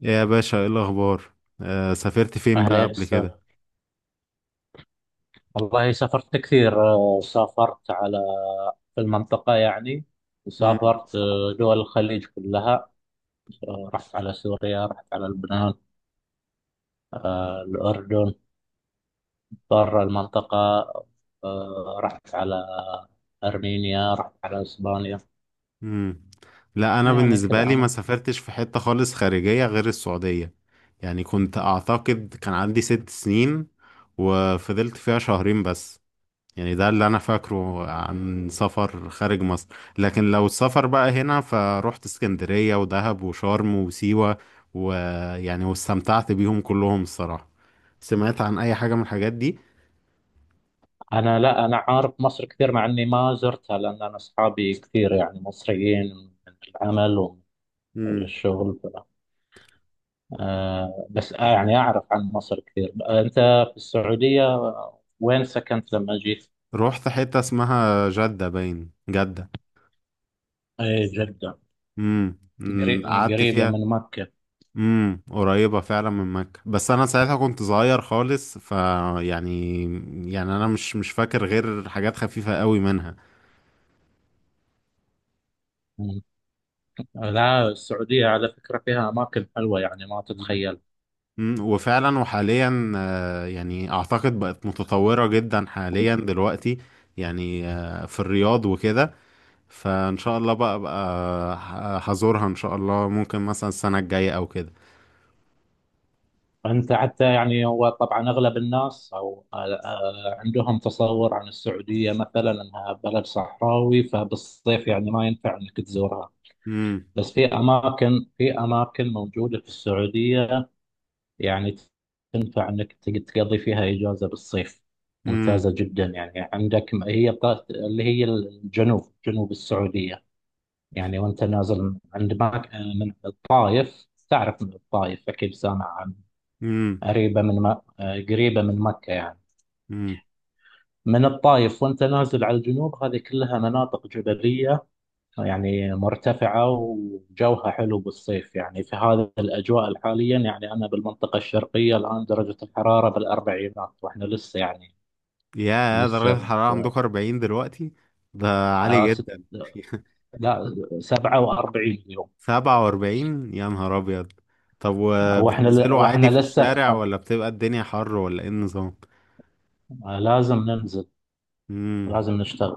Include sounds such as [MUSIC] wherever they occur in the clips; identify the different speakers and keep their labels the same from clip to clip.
Speaker 1: يا باشا، ايه الاخبار؟ سافرت فين
Speaker 2: أهلا
Speaker 1: بقى
Speaker 2: يا
Speaker 1: قبل
Speaker 2: أستاذ.
Speaker 1: كده؟
Speaker 2: والله سافرت كثير. سافرت على، في المنطقة يعني.
Speaker 1: مم.
Speaker 2: سافرت دول الخليج كلها. رحت على سوريا، رحت على لبنان، الأردن. برا المنطقة، رحت على أرمينيا، رحت على إسبانيا.
Speaker 1: مم. لا، انا
Speaker 2: يعني كذا
Speaker 1: بالنسبه لي ما
Speaker 2: أنا.
Speaker 1: سافرتش في حته خالص خارجيه غير السعوديه. يعني كنت اعتقد كان عندي 6 سنين وفضلت فيها شهرين بس. يعني ده اللي انا فاكره عن سفر خارج مصر. لكن لو السفر بقى هنا، فروحت اسكندريه ودهب وشرم وسيوه، ويعني واستمتعت بيهم كلهم الصراحه. سمعت عن اي حاجه من الحاجات دي؟
Speaker 2: لا، أنا عارف مصر كثير، مع إني ما زرتها، لأن أنا أصحابي كثير يعني مصريين، من العمل ومن الشغل. بس يعني أعرف عن مصر كثير. أنت في السعودية، وين سكنت لما جيت؟
Speaker 1: رحت حتة اسمها جدة، باين جدة.
Speaker 2: إيه، جدة.
Speaker 1: أمم،
Speaker 2: قري-
Speaker 1: قعدت
Speaker 2: قريبة
Speaker 1: فيها.
Speaker 2: من مكة.
Speaker 1: قريبة فعلا من مكة، بس انا ساعتها كنت صغير خالص، ف يعني يعني انا مش فاكر غير حاجات خفيفة قوي منها.
Speaker 2: مم. لا، السعودية على فكرة فيها أماكن حلوة يعني ما
Speaker 1: أمم،
Speaker 2: تتخيل.
Speaker 1: أمم، وفعلا وحاليا يعني اعتقد بقت متطورة جدا حاليا دلوقتي. يعني في الرياض وكده. فان شاء الله بقى هزورها ان شاء الله، ممكن مثلا السنة الجاية او كده.
Speaker 2: أنت حتى يعني، هو طبعا أغلب الناس أو آه، آه، عندهم تصور عن السعودية مثلا أنها بلد صحراوي، فبالصيف يعني ما ينفع أنك تزورها.
Speaker 1: امم.
Speaker 2: بس في أماكن، في أماكن موجودة في السعودية يعني تنفع انك تقضي فيها اجازه بالصيف.
Speaker 1: امم.
Speaker 2: ممتازه جدا يعني. عندك اللي هي الجنوب، جنوب السعوديه يعني. وانت نازل عند ماك من الطايف، تعرف من الطايف اكيد سامع عن،
Speaker 1: امم.
Speaker 2: قريبه من م... قريبه من مكه يعني.
Speaker 1: امم.
Speaker 2: من الطايف وانت نازل على الجنوب، هذه كلها مناطق جبليه يعني، مرتفعة وجوها حلو بالصيف. يعني في هذه الأجواء حاليا، يعني أنا بالمنطقة الشرقية الآن درجة الحرارة بالأربعينات، وإحنا لسه يعني
Speaker 1: يا
Speaker 2: لسه
Speaker 1: درجة
Speaker 2: ب-
Speaker 1: الحرارة عندكم 40 دلوقتي؟ ده
Speaker 2: آه
Speaker 1: عالي
Speaker 2: ست
Speaker 1: جدا. [LAUGHS]
Speaker 2: لا 47 اليوم.
Speaker 1: 47! يا نهار أبيض. طب، وبتنزلوا عادي
Speaker 2: وإحنا
Speaker 1: في
Speaker 2: لسه في
Speaker 1: الشارع، ولا بتبقى الدنيا حر، ولا ايه النظام؟
Speaker 2: لازم ننزل،
Speaker 1: امم.
Speaker 2: لازم نشتغل.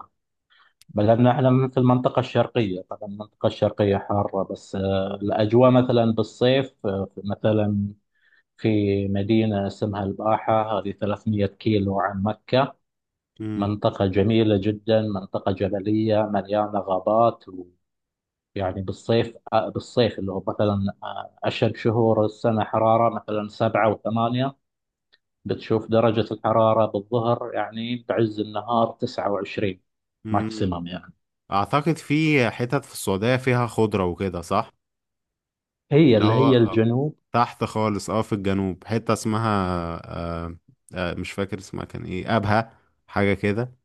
Speaker 2: لأن إحنا في المنطقة الشرقية. طبعا المنطقة الشرقية حارة، بس الأجواء مثلا بالصيف مثلا في مدينة اسمها الباحة، هذه 300 كيلو عن مكة.
Speaker 1: امم.
Speaker 2: منطقة جميلة جدا، منطقة جبلية مليانة غابات. ويعني بالصيف، بالصيف اللي هو مثلا أشهر شهور السنة حرارة، مثلا 7 و8، بتشوف درجة الحرارة بالظهر يعني بعز النهار 29.
Speaker 1: امم.
Speaker 2: ماكسيمم يعني.
Speaker 1: أعتقد في حتت في السعودية فيها خضرة وكده، صح؟
Speaker 2: هي
Speaker 1: اللي
Speaker 2: اللي هي
Speaker 1: هو
Speaker 2: الجنوب.
Speaker 1: تحت خالص، في الجنوب حتة اسمها، آه مش فاكر اسمها كان ايه، أبها حاجة كده،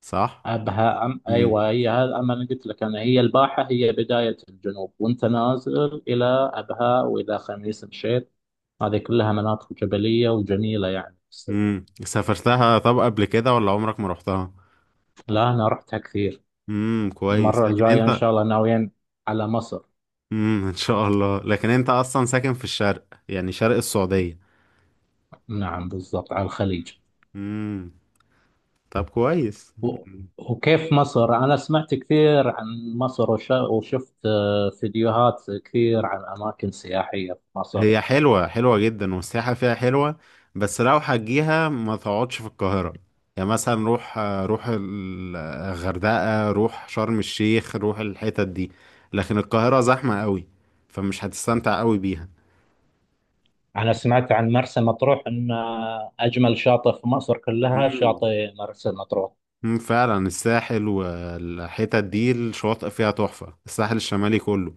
Speaker 1: صح؟
Speaker 2: أبها، أم أيوة
Speaker 1: مم.
Speaker 2: هي هذا. أما أنا قلت لك، أنا هي الباحة، هي بداية الجنوب، وأنت نازل إلى أبها وإلى خميس مشيط. هذه كلها مناطق جبلية وجميلة يعني في الصيف.
Speaker 1: سافرتها طب قبل كده، ولا عمرك ما رحتها؟
Speaker 2: لا، أنا رحتها كثير.
Speaker 1: كويس،
Speaker 2: المرة
Speaker 1: لكن
Speaker 2: الجاية
Speaker 1: انت.
Speaker 2: إن شاء الله ناويين على مصر.
Speaker 1: ان شاء الله، لكن انت اصلا ساكن في الشرق، يعني شرق السعودية.
Speaker 2: نعم بالضبط، على الخليج.
Speaker 1: امم طب، كويس.
Speaker 2: و... وكيف مصر؟ أنا سمعت كثير عن مصر، وشفت فيديوهات كثير عن أماكن سياحية في مصر.
Speaker 1: هي حلوة، حلوة جدا، والسياحة فيها حلوة. بس لو هتجيها ما تقعدش في القاهرة. يعني مثلا روح الغردقة، روح شرم الشيخ، روح الحتت دي. لكن القاهرة زحمة قوي، فمش هتستمتع قوي بيها.
Speaker 2: أنا سمعت عن مرسى مطروح أن أجمل شاطئ في مصر كلها
Speaker 1: مم.
Speaker 2: شاطئ مرسى مطروح.
Speaker 1: مم، فعلا، الساحل والحتت دي الشواطئ فيها تحفة، الساحل الشمالي كله.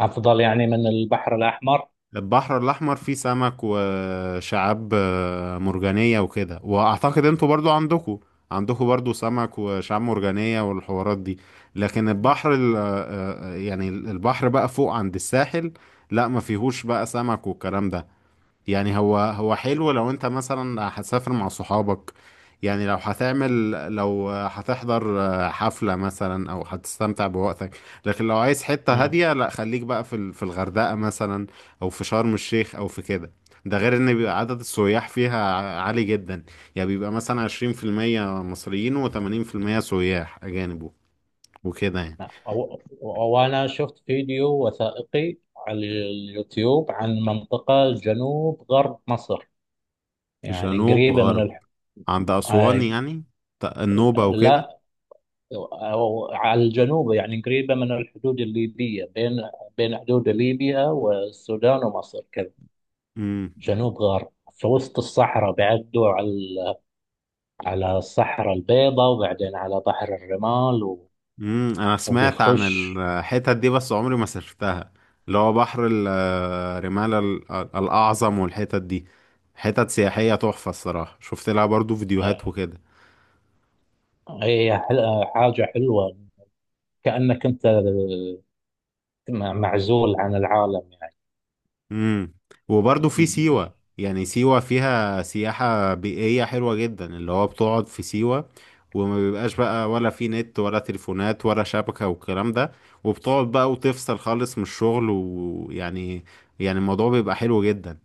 Speaker 2: أفضل يعني من البحر الأحمر.
Speaker 1: البحر الأحمر فيه سمك وشعاب مرجانية وكده، وأعتقد انتوا برضو عندكوا برضو سمك وشعاب مرجانية والحوارات دي. لكن البحر يعني البحر بقى فوق عند الساحل، لا ما فيهوش بقى سمك والكلام ده. يعني هو حلو لو انت مثلا هتسافر مع صحابك. يعني لو هتعمل، لو هتحضر حفلة مثلا، او هتستمتع بوقتك. لكن لو عايز حتة
Speaker 2: مم.
Speaker 1: هادية، لا، خليك بقى في في الغردقة مثلا، او في شرم الشيخ، او في كده. ده غير ان بيبقى عدد السياح فيها عالي جدا. يعني بيبقى مثلا 20% مصريين، وتمانين في المية سياح اجانب وكده، يعني.
Speaker 2: نعم. وأنا شفت فيديو وثائقي على اليوتيوب عن منطقة جنوب غرب مصر، يعني
Speaker 1: جنوب
Speaker 2: قريبة من
Speaker 1: غرب،
Speaker 2: الح...
Speaker 1: عند اسوان
Speaker 2: آه،
Speaker 1: يعني. النوبة وكده.
Speaker 2: لا، أو على الجنوب يعني قريبة من الحدود الليبية، بين حدود ليبيا والسودان ومصر كذا.
Speaker 1: امم.
Speaker 2: جنوب غرب في وسط الصحراء، بيعدوا على الصحراء البيضاء وبعدين على بحر الرمال و...
Speaker 1: امم، انا سمعت عن
Speaker 2: وبيخش
Speaker 1: الحتت دي، بس عمري ما سافرتها، اللي هو بحر رمالة الاعظم، والحتت دي حتت سياحية تحفة الصراحة، شفت لها برضو
Speaker 2: آه،
Speaker 1: فيديوهات وكده.
Speaker 2: هي حاجة حلوة، كأنك أنت معزول عن العالم يعني.
Speaker 1: امم. وبرضو في سيوة، يعني سيوة فيها سياحة بيئية حلوة جدا، اللي هو بتقعد في سيوة وما بيبقاش بقى ولا في نت ولا تليفونات ولا شبكة والكلام ده، وبتقعد بقى وتفصل خالص من الشغل، يعني الموضوع بيبقى حلو جدا.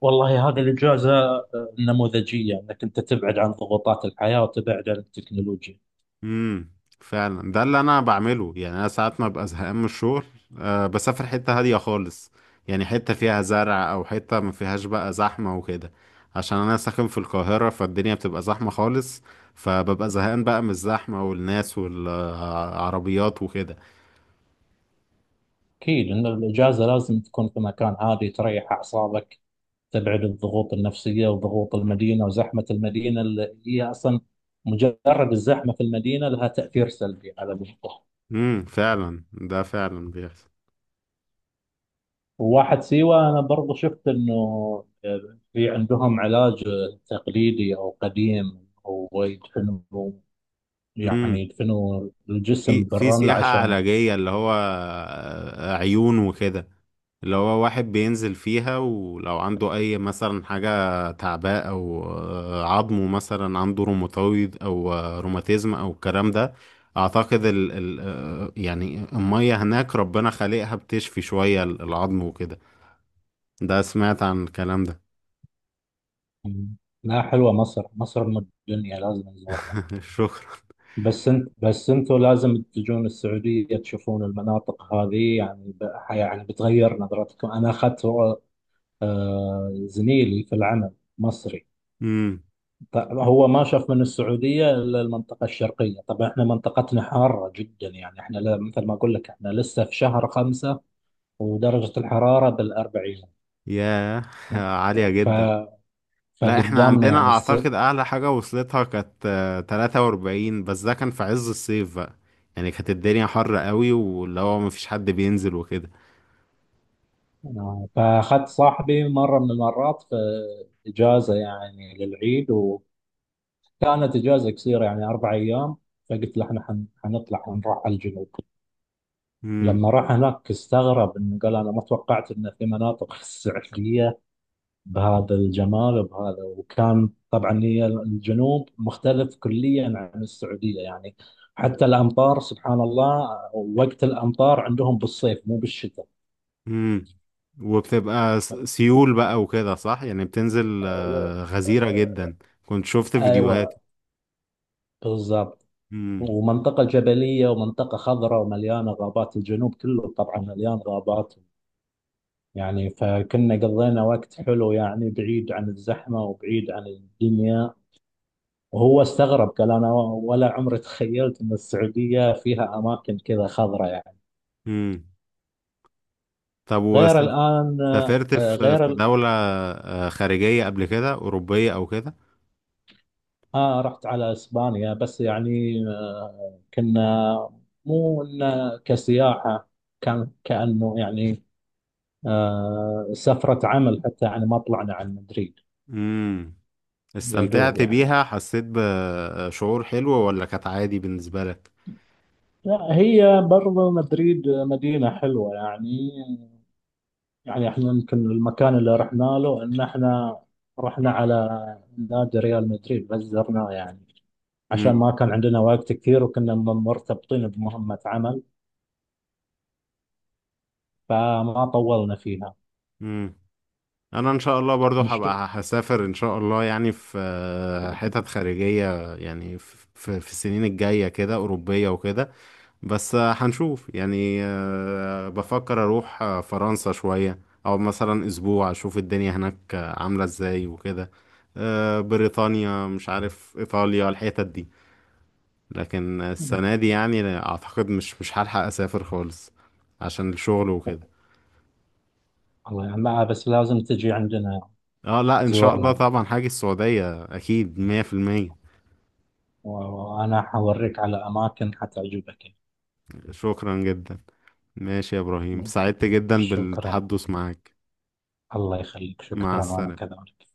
Speaker 2: والله هذه الإجازة نموذجية، أنك أنت تبعد عن ضغوطات الحياة وتبعد عن التكنولوجيا.
Speaker 1: امم، فعلا، ده اللي انا بعمله. يعني انا ساعات ما ببقى زهقان من الشغل، أه بسافر حتة هادية خالص. يعني حتة فيها زرع، او حتة ما فيهاش بقى زحمة وكده، عشان انا ساكن في القاهرة، فالدنيا بتبقى زحمة خالص، فببقى زهقان بقى من الزحمة والناس والعربيات وكده.
Speaker 2: أكيد أن الإجازة لازم تكون في مكان هادي تريح أعصابك، تبعد الضغوط النفسية وضغوط المدينة وزحمة المدينة، اللي هي أصلا مجرد الزحمة في المدينة لها تأثير سلبي على المخ.
Speaker 1: امم، فعلا، ده فعلا بيحصل.
Speaker 2: وواحد سيوة، أنا برضو شفت أنه في عندهم علاج تقليدي أو قديم، هو يدفنوا يعني يدفنوا الجسم
Speaker 1: في
Speaker 2: بالرمل
Speaker 1: سياحة
Speaker 2: عشان،
Speaker 1: علاجية، اللي هو عيون وكده، اللي هو واحد بينزل فيها ولو عنده أي مثلا حاجة تعباء، أو عظمه مثلا، عنده روماتويد، أو روماتيزم أو الكلام ده. أعتقد ال ال آه، يعني المية هناك ربنا خالقها بتشفي شوية العظم وكده. ده سمعت عن الكلام ده.
Speaker 2: لا حلوة مصر، مصر أم الدنيا، لازم نزورها.
Speaker 1: [LAUGHS] شكرا.
Speaker 2: بس انت بس انتوا لازم تجون السعودية تشوفون المناطق هذه، يعني يعني بتغير نظرتكم. أنا أخذت زميلي في العمل، مصري.
Speaker 1: امم.
Speaker 2: هو ما شاف من السعودية إلا المنطقة الشرقية. طبعا احنا منطقتنا حارة جدا، يعني احنا مثل ما أقول لك احنا لسه في شهر خمسة، ودرجة الحرارة بالأربعين،
Speaker 1: ياه! [LAUGHS] عالية جدا. لا، احنا
Speaker 2: فقدامنا
Speaker 1: عندنا
Speaker 2: يعني السبت.
Speaker 1: اعتقد اعلى حاجة وصلتها كانت 43، بس ده كان في عز الصيف بقى. يعني كانت الدنيا حر قوي، واللي هو مفيش حد بينزل وكده.
Speaker 2: فأخذت صاحبي مرة من المرات في إجازة يعني للعيد، وكانت إجازة قصيرة يعني 4 أيام. فقلت له إحنا حنطلع حنروح على الجنوب.
Speaker 1: امم.
Speaker 2: لما راح هناك استغرب، إنه قال أنا ما توقعت إن في مناطق [LAUGHS] ساحلية بهذا الجمال وبهذا. وكان طبعا هي الجنوب مختلف كليا عن السعودية يعني. حتى الأمطار سبحان الله، وقت الأمطار عندهم بالصيف مو بالشتاء.
Speaker 1: امم. وبتبقى سيول بقى وكده، صح؟ يعني بتنزل غزيرة جدا. كنت شفت فيديوهات.
Speaker 2: أيوة. بالضبط.
Speaker 1: امم.
Speaker 2: ومنطقة جبلية ومنطقة خضراء ومليانة غابات، الجنوب كله طبعا مليان غابات يعني. فكنا قضينا وقت حلو يعني، بعيد عن الزحمة وبعيد عن الدنيا. وهو استغرب قال أنا ولا عمري تخيلت أن السعودية فيها أماكن كذا خضراء يعني.
Speaker 1: امم. طب، وسافرت في
Speaker 2: غير الآن.
Speaker 1: دولة خارجية قبل كده، أوروبية أو كده؟
Speaker 2: آه رحت على إسبانيا، بس يعني كنا مو إنه كسياحة، كان كأنه يعني سفرة عمل حتى، يعني ما طلعنا عن مدريد.
Speaker 1: امم.
Speaker 2: يا دوب
Speaker 1: استمتعت
Speaker 2: يعني.
Speaker 1: بيها، حسيت بشعور حلو، ولا كانت عادي بالنسبة لك؟
Speaker 2: لا هي برضو مدريد مدينة حلوة يعني. يعني احنا يمكن المكان اللي رحنا له، ان احنا رحنا على نادي ريال مدريد بس زرناه يعني، عشان
Speaker 1: امم.
Speaker 2: ما كان عندنا وقت كثير وكنا مرتبطين بمهمة عمل، فما طولنا فيها.
Speaker 1: امم، انا ان شاء الله برضو
Speaker 2: إن شاء-
Speaker 1: هبقى هسافر ان شاء الله. يعني في حتت خارجية، يعني في السنين الجاية كده، أوروبية وكده. بس هنشوف. يعني بفكر أروح فرنسا شوية، أو مثلا أسبوع، أشوف الدنيا هناك عاملة إزاي وكده. بريطانيا، مش عارف، إيطاليا، الحتت دي. لكن السنة دي يعني أعتقد مش هلحق أسافر خالص عشان الشغل وكده.
Speaker 2: الله يعني، لا بس لازم تجي عندنا
Speaker 1: اه، لا، إن شاء الله
Speaker 2: تزورنا،
Speaker 1: طبعا هاجي السعودية أكيد 100%.
Speaker 2: وأنا حوريك على أماكن حتعجبك.
Speaker 1: شكرا جدا. ماشي يا إبراهيم،
Speaker 2: يعني.
Speaker 1: سعدت جدا
Speaker 2: شكرا.
Speaker 1: بالتحدث معاك.
Speaker 2: الله يخليك،
Speaker 1: مع
Speaker 2: شكرا وأنا
Speaker 1: السلامة.
Speaker 2: كذلك.